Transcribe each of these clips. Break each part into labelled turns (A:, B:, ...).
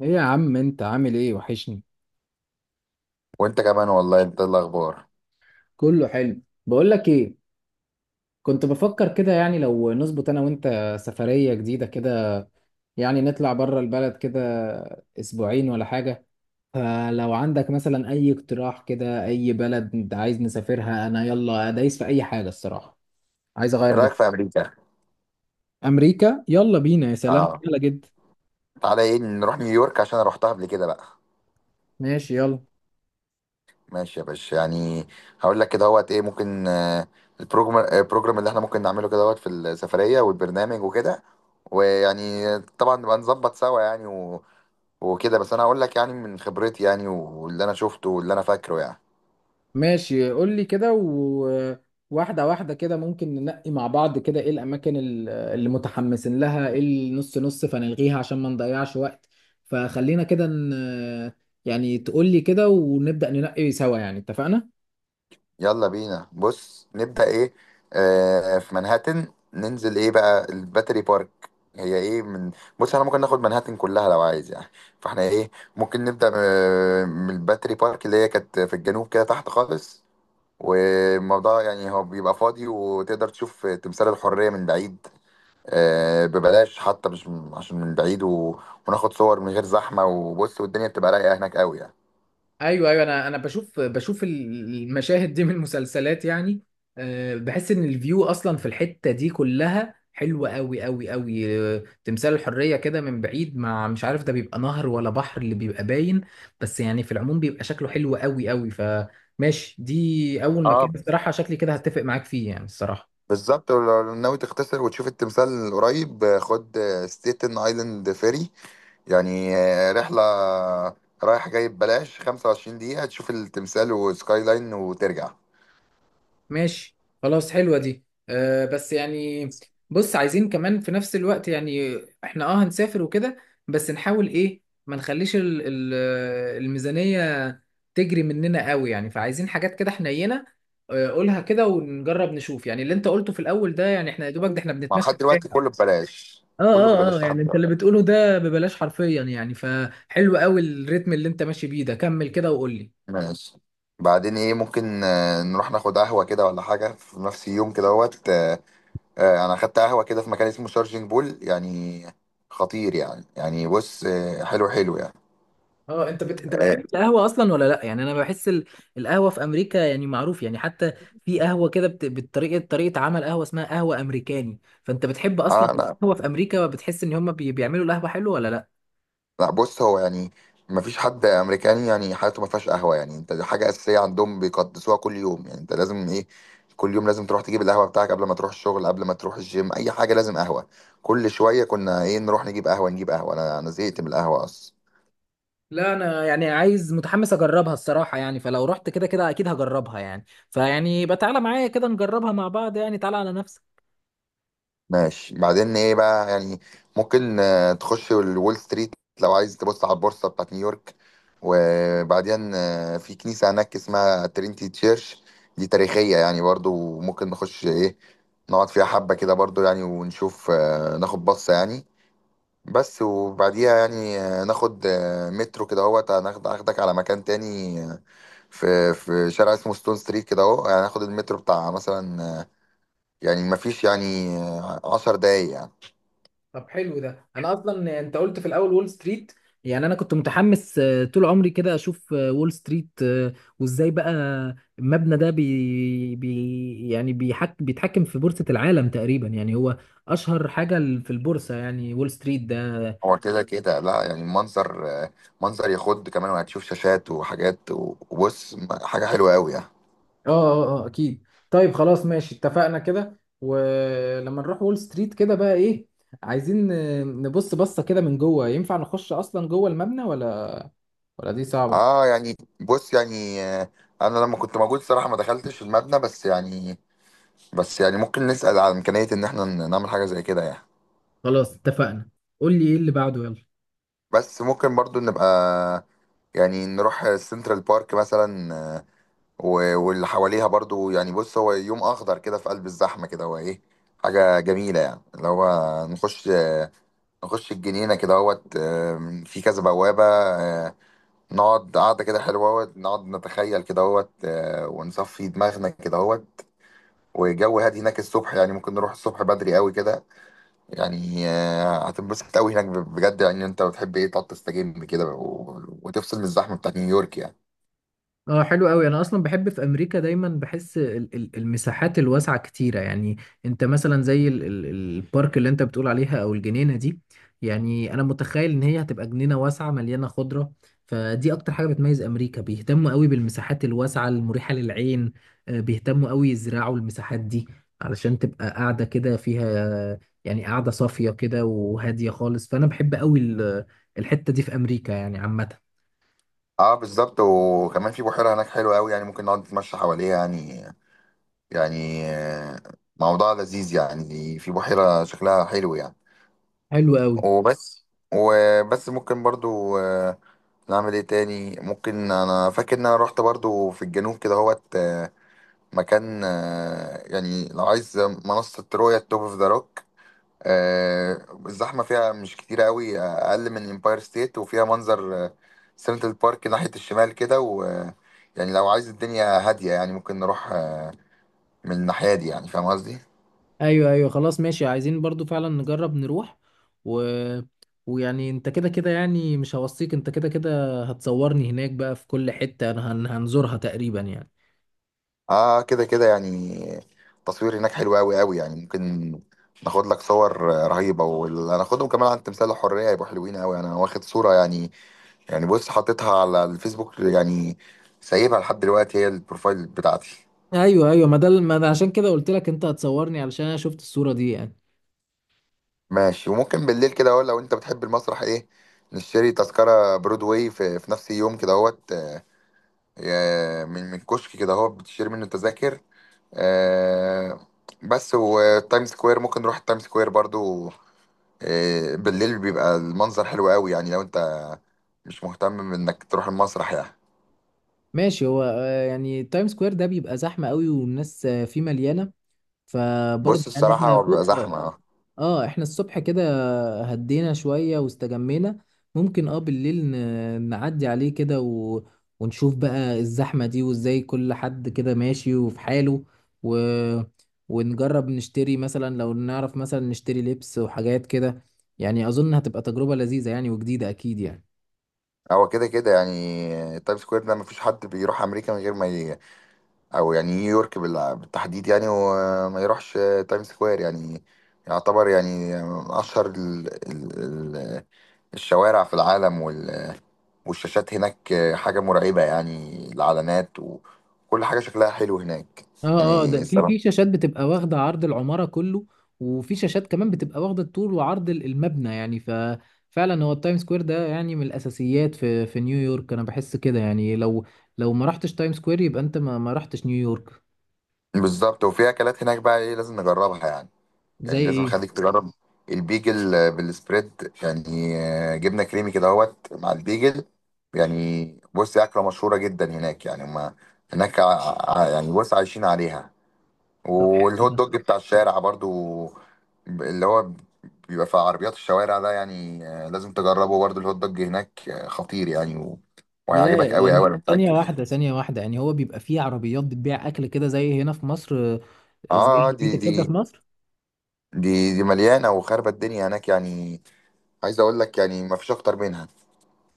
A: ايه يا عم، انت عامل ايه؟ وحشني.
B: وانت كمان والله، انت إيه الاخبار؟
A: كله حلو. بقول لك ايه، كنت بفكر كده يعني لو نظبط انا وانت سفرية جديدة كده. يعني نطلع بره البلد كده، اسبوعين ولا حاجة. فلو عندك مثلا اي اقتراح كده، اي بلد انت عايز نسافرها، انا يلا دايس في اي حاجة الصراحة. عايز اغير
B: ايه
A: جو.
B: رايك في امريكا؟
A: امريكا يلا بينا، يا سلام،
B: اه.
A: يلا جد.
B: تعالى ايه، نروح نيويورك عشان انا رحتها قبل كده بقى.
A: ماشي يلا.
B: ماشي يا باشا يعني. هقول لك كده هوت ايه ممكن. البروجرام اللي احنا ممكن نعمله كده هوت، في السفريه والبرنامج وكده. ويعني طبعا نبقى نظبط سوا يعني و... وكده، بس انا هقول لك يعني من خبرتي يعني، واللي انا شفته واللي انا فاكره يعني.
A: ماشي، قول لي كده، وواحدة واحدة كده ممكن ننقي مع بعض، كده ايه الأماكن اللي متحمسين لها، ايه النص نص فنلغيها عشان ما نضيعش وقت. فخلينا كده يعني تقول لي كده ونبدأ ننقي سوا يعني، اتفقنا؟
B: يلا بينا، بص نبدأ ايه. في منهاتن، ننزل ايه بقى، الباتري بارك. هي ايه من، بص احنا ممكن ناخد منهاتن كلها لو عايز يعني. فاحنا ايه، ممكن نبدأ من الباتري بارك، اللي هي كانت في الجنوب كده تحت خالص. والموضوع يعني هو بيبقى فاضي، وتقدر تشوف تمثال الحرية من بعيد. آه ببلاش حتى، مش عشان من بعيد و... وناخد صور من غير زحمة، وبص والدنيا بتبقى رايقة هناك قوي
A: ايوه ايوه، انا بشوف المشاهد دي من المسلسلات يعني. بحس ان الفيو اصلا في الحته دي كلها حلوه قوي قوي قوي. تمثال الحريه كده من بعيد، مع مش عارف ده بيبقى نهر ولا بحر اللي بيبقى باين، بس يعني في العموم بيبقى شكله حلو قوي قوي. فماشي، دي اول
B: يعني.
A: مكان الصراحه شكلي كده هتفق معاك فيه يعني الصراحه.
B: بالظبط، ولو ناوي تختصر وتشوف التمثال قريب، خد ستيتن ايلاند فيري، يعني رحلة رايح جاي ببلاش، 25 دقيقة تشوف التمثال وسكاي لاين وترجع.
A: ماشي خلاص، حلوة دي. أه، بس يعني بص، عايزين كمان في نفس الوقت يعني احنا هنسافر وكده، بس نحاول ايه ما نخليش ال الميزانية تجري مننا قوي يعني، فعايزين حاجات كده حنينة. قولها كده، ونجرب نشوف يعني اللي انت قلته في الاول ده، يعني احنا يا دوبك ده احنا
B: مع
A: بنتمشى
B: لحد
A: في
B: دلوقتي
A: الشارع.
B: كله ببلاش.
A: اه
B: كله
A: اه اه،
B: ببلاش لحد
A: يعني انت
B: دلوقتي.
A: اللي بتقوله ده ببلاش حرفيا يعني، فحلو قوي الريتم اللي انت ماشي بيه ده، كمل كده وقول لي.
B: ماشي. بعدين ايه ممكن، نروح ناخد قهوة كده ولا حاجة في نفس اليوم كده اهوت. انا اخدت قهوة كده في مكان اسمه شارجنج بول، يعني خطير يعني. يعني بص، حلو حلو يعني.
A: اه، انت بتحب القهوه اصلا ولا لا؟ يعني انا بحس القهوه في امريكا يعني معروف يعني. حتى في قهوه كده طريقه عمل قهوه اسمها قهوه امريكاني. فانت بتحب اصلا
B: انا
A: القهوه في امريكا؟ بتحس ان هم بيعملوا القهوه حلو ولا لا؟
B: لا، بص هو يعني ما فيش حد امريكاني يعني حياته ما فيهاش قهوه، يعني انت دي حاجه اساسيه عندهم، بيقدسوها كل يوم. يعني انت لازم ايه، كل يوم لازم تروح تجيب القهوه بتاعك قبل ما تروح الشغل، قبل ما تروح الجيم، اي حاجه لازم قهوه. كل شويه كنا ايه، نروح نجيب قهوه نجيب قهوه. انا زهقت من القهوه اصلا.
A: لا، انا يعني عايز متحمس اجربها الصراحه يعني. فلو رحت كده كده اكيد هجربها يعني. فيعني يبقى تعالى معايا كده نجربها مع بعض يعني، تعالى على نفسك.
B: ماشي. بعدين ايه بقى يعني، ممكن تخش الول ستريت لو عايز تبص على البورصة بتاعت نيويورك. وبعدين في كنيسة هناك اسمها ترينتي تشيرش، دي تاريخية يعني برضو. ممكن نخش ايه، نقعد فيها حبة كده برضو يعني، ونشوف ناخد بصة يعني. بس وبعديها يعني، ناخد مترو كده اهوت، هناخد اخدك على مكان تاني. في شارع اسمه ستون ستريت كده اهو، يعني هناخد المترو بتاع مثلا، يعني مفيش يعني 10 دقايق يعني.
A: طب حلو ده. انا اصلا انت قلت في الاول وول ستريت، يعني انا كنت متحمس طول عمري كده اشوف وول ستريت. وازاي بقى المبنى ده بي بي يعني بيتحكم في بورصة العالم تقريبا يعني. هو اشهر حاجة في البورصة يعني وول ستريت ده.
B: هو كده كده، لا يعني المنظر منظر يخض كمان، وهتشوف شاشات وحاجات وبص حاجة حلوة قوي يعني.
A: اه اه اه، اكيد. طيب خلاص ماشي، اتفقنا كده. ولما نروح وول ستريت كده بقى ايه، عايزين نبص بصة كده من جوه، ينفع نخش اصلا جوه المبنى ولا دي صعبة؟
B: اه يعني بص يعني، انا لما كنت موجود صراحة ما دخلتش المبنى، بس يعني بس يعني ممكن نسأل على إمكانية ان احنا نعمل حاجة زي كده يعني.
A: خلاص اتفقنا. قول لي ايه اللي بعده يلا.
B: بس ممكن برضو نبقى يعني نروح سنترال بارك مثلا، واللي حواليها برضو يعني. بص هو يوم اخضر كده في قلب الزحمة كده، هو ايه حاجة جميلة يعني، اللي هو نخش نخش الجنينة كده اهوت. في كذا بوابة. نقعد قعدة كده حلوة اهوت، نقعد نتخيل كده اهوت، ونصفي دماغنا كده اهوت. وجو هادي هناك الصبح، يعني ممكن نروح الصبح بدري قوي كده، يعني هتنبسط قوي هناك بجد يعني. انت بتحب ايه تقعد تستجم كده، وتفصل من الزحمة بتاعت نيويورك يعني.
A: اه حلو قوي. انا اصلا بحب في امريكا، دايما بحس المساحات الواسعه كتيره يعني. انت مثلا زي البارك اللي انت بتقول عليها، او الجنينه دي، يعني انا متخيل ان هي هتبقى جنينه واسعه مليانه خضره. فدي اكتر حاجه بتميز امريكا، بيهتموا قوي بالمساحات الواسعه المريحه للعين. بيهتموا قوي يزرعوا المساحات دي علشان تبقى قاعده كده فيها، يعني قاعده صافيه كده وهاديه خالص. فانا بحب قوي الحته دي في امريكا يعني عامه.
B: اه بالظبط. وكمان في بحيرة هناك حلوة قوي يعني، ممكن نقعد نتمشى حواليها يعني. يعني موضوع لذيذ يعني، في بحيرة شكلها حلو يعني.
A: حلو قوي.
B: وبس. وبس ممكن برضو نعمل ايه تاني. ممكن انا فاكر ان انا رحت برضو في الجنوب كده هوت، مكان يعني لو عايز منصة رؤية، توب اوف ذا روك. الزحمة فيها مش كتير قوي، اقل من امباير ستيت، وفيها منظر سنترال بارك ناحية الشمال كده. و يعني لو عايز الدنيا هادية يعني، ممكن نروح من الناحية دي يعني، فاهم قصدي.
A: ايوه ايوه، خلاص ماشي، عايزين برضو فعلا نجرب نروح. و... ويعني انت كده كده يعني مش هوصيك، انت كده كده هتصورني هناك بقى في كل حتة انا هنزورها تقريبا يعني.
B: اه كده كده يعني، التصوير هناك حلو قوي قوي يعني. ممكن ناخد لك صور رهيبة، واللي هناخدهم كمان عن تمثال الحرية يبقوا حلوين قوي. انا واخد صورة يعني، يعني بص حطيتها على الفيسبوك يعني، سايبها لحد دلوقتي هي البروفايل بتاعتي.
A: ايوه ايوه، ما ده ما ده عشان كده قلت لك انت هتصورني، علشان انا شفت الصورة دي يعني.
B: ماشي. وممكن بالليل كده اهو، لو انت بتحب المسرح ايه، نشتري تذكرة برودواي في نفس اليوم كده اهوت، من كشك كده اهو بتشتري منه تذاكر. آه، بس. وتايم سكوير ممكن نروح التايم سكوير برضو. بالليل بيبقى المنظر حلو قوي، يعني لو انت مش مهتم انك تروح المسرح يعني.
A: ماشي. هو يعني تايم سكوير ده بيبقى زحمة قوي، والناس فيه مليانة، فبرضه
B: بص
A: يعني
B: الصراحة
A: احنا
B: هو بيبقى
A: فوق.
B: زحمة، اه.
A: اه، احنا الصبح كده هدينا شوية واستجمينا، ممكن بالليل نعدي عليه كده ونشوف بقى الزحمة دي، وازاي كل حد كده ماشي وفي حاله. و... ونجرب نشتري مثلا، لو نعرف مثلا نشتري لبس وحاجات كده. يعني أظن هتبقى تجربة لذيذة يعني، وجديدة أكيد يعني.
B: هو كده كده يعني، تايم سكوير ده مفيش حد بيروح أمريكا من غير ما أو يعني نيويورك بالتحديد يعني، وما يروحش تايم سكوير. يعني يعتبر يعني من أشهر ال... الشوارع في العالم. والشاشات هناك حاجة مرعبة يعني، الإعلانات وكل حاجة شكلها حلو هناك
A: اه اه،
B: يعني،
A: ده في
B: الصراحة.
A: في شاشات بتبقى واخده عرض العماره كله، وفي شاشات كمان بتبقى واخده الطول وعرض المبنى يعني. ففعلا هو التايم سكوير ده يعني من الاساسيات في نيويورك. انا بحس كده يعني لو ما رحتش تايم سكوير يبقى انت ما رحتش نيويورك.
B: بالظبط. وفي اكلات هناك بقى ايه لازم نجربها يعني. يعني
A: زي
B: لازم
A: ايه؟
B: اخليك تجرب البيجل بالسبريد يعني، جبنه كريمي كده اهوت مع البيجل يعني. بص اكله مشهوره جدا هناك يعني، ما هناك يعني بص عايشين عليها.
A: طب حلو
B: والهوت
A: ده.
B: دوج بتاع الشارع برضو، اللي هو بيبقى في عربيات الشوارع ده يعني، لازم تجربه برضو الهوت دوج هناك، خطير يعني و... وهيعجبك قوي قوي
A: يعني
B: انا
A: ثانيه
B: متاكد.
A: واحده ثانيه واحده، يعني هو بيبقى فيه عربيات بتبيع اكل كده زي هنا في مصر؟ زي
B: اه دي
A: عربية
B: دي
A: الكبده في مصر.
B: دي دي مليانه وخربت الدنيا هناك يعني، عايز اقول لك يعني ما فيش اكتر منها.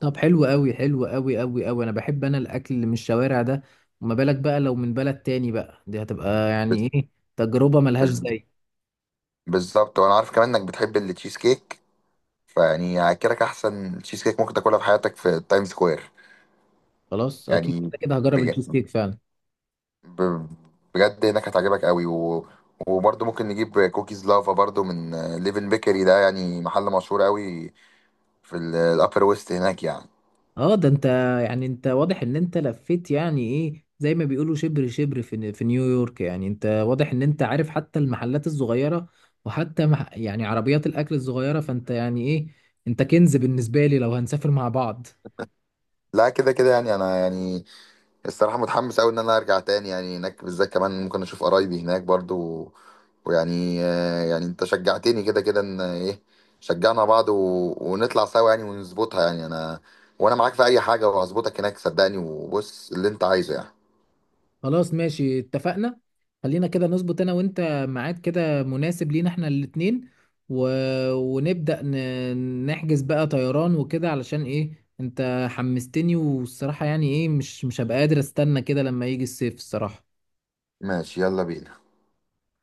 A: طب حلو قوي، حلو قوي قوي قوي. انا بحب انا الاكل اللي من الشوارع ده، وما بالك بقى لو من بلد تاني بقى، دي هتبقى
B: بز-
A: يعني ايه، تجربة ملهاش
B: بز-
A: زي.
B: بالظبط. وانا عارف كمان انك بتحب التشيز كيك، فيعني هاكلك احسن تشيز كيك ممكن تاكلها في حياتك في تايم سكوير
A: خلاص اكيد
B: يعني.
A: كده كده هجرب
B: بج-
A: التشيز كيك فعلا.
B: ب- بجد هناك هتعجبك قوي و... وبرضه ممكن نجيب كوكيز لافا برضه من ليفن بيكري ده، يعني محل مشهور قوي في الابر ويست هناك يعني.
A: اه، ده انت يعني انت واضح ان انت لفيت، يعني ايه زي ما بيقولوا شبر شبر في نيويورك. يعني انت واضح ان انت عارف حتى المحلات الصغيرة، وحتى يعني عربيات الاكل الصغيرة. فانت يعني ايه، انت كنز بالنسبة لي لو هنسافر مع بعض.
B: لا كده كده يعني، انا يعني الصراحة متحمس أوي إن أنا أرجع تاني يعني، هناك بالذات كمان ممكن أشوف قرايبي هناك برضو. ويعني يعني أنت شجعتني كده كده، إن إيه شجعنا بعض و... ونطلع سوا يعني ونظبطها يعني. أنا وأنا معاك في أي حاجة، وهظبطك هناك صدقني، وبص اللي أنت عايزه يعني.
A: خلاص ماشي اتفقنا. خلينا كده نظبط انا وانت ميعاد كده مناسب لينا احنا الاتنين، و... ونبدأ نحجز بقى طيران وكده، علشان ايه انت حمستني، والصراحة يعني ايه مش هبقى قادر استنى كده لما يجي الصيف الصراحة.
B: ماشي يلا بينا.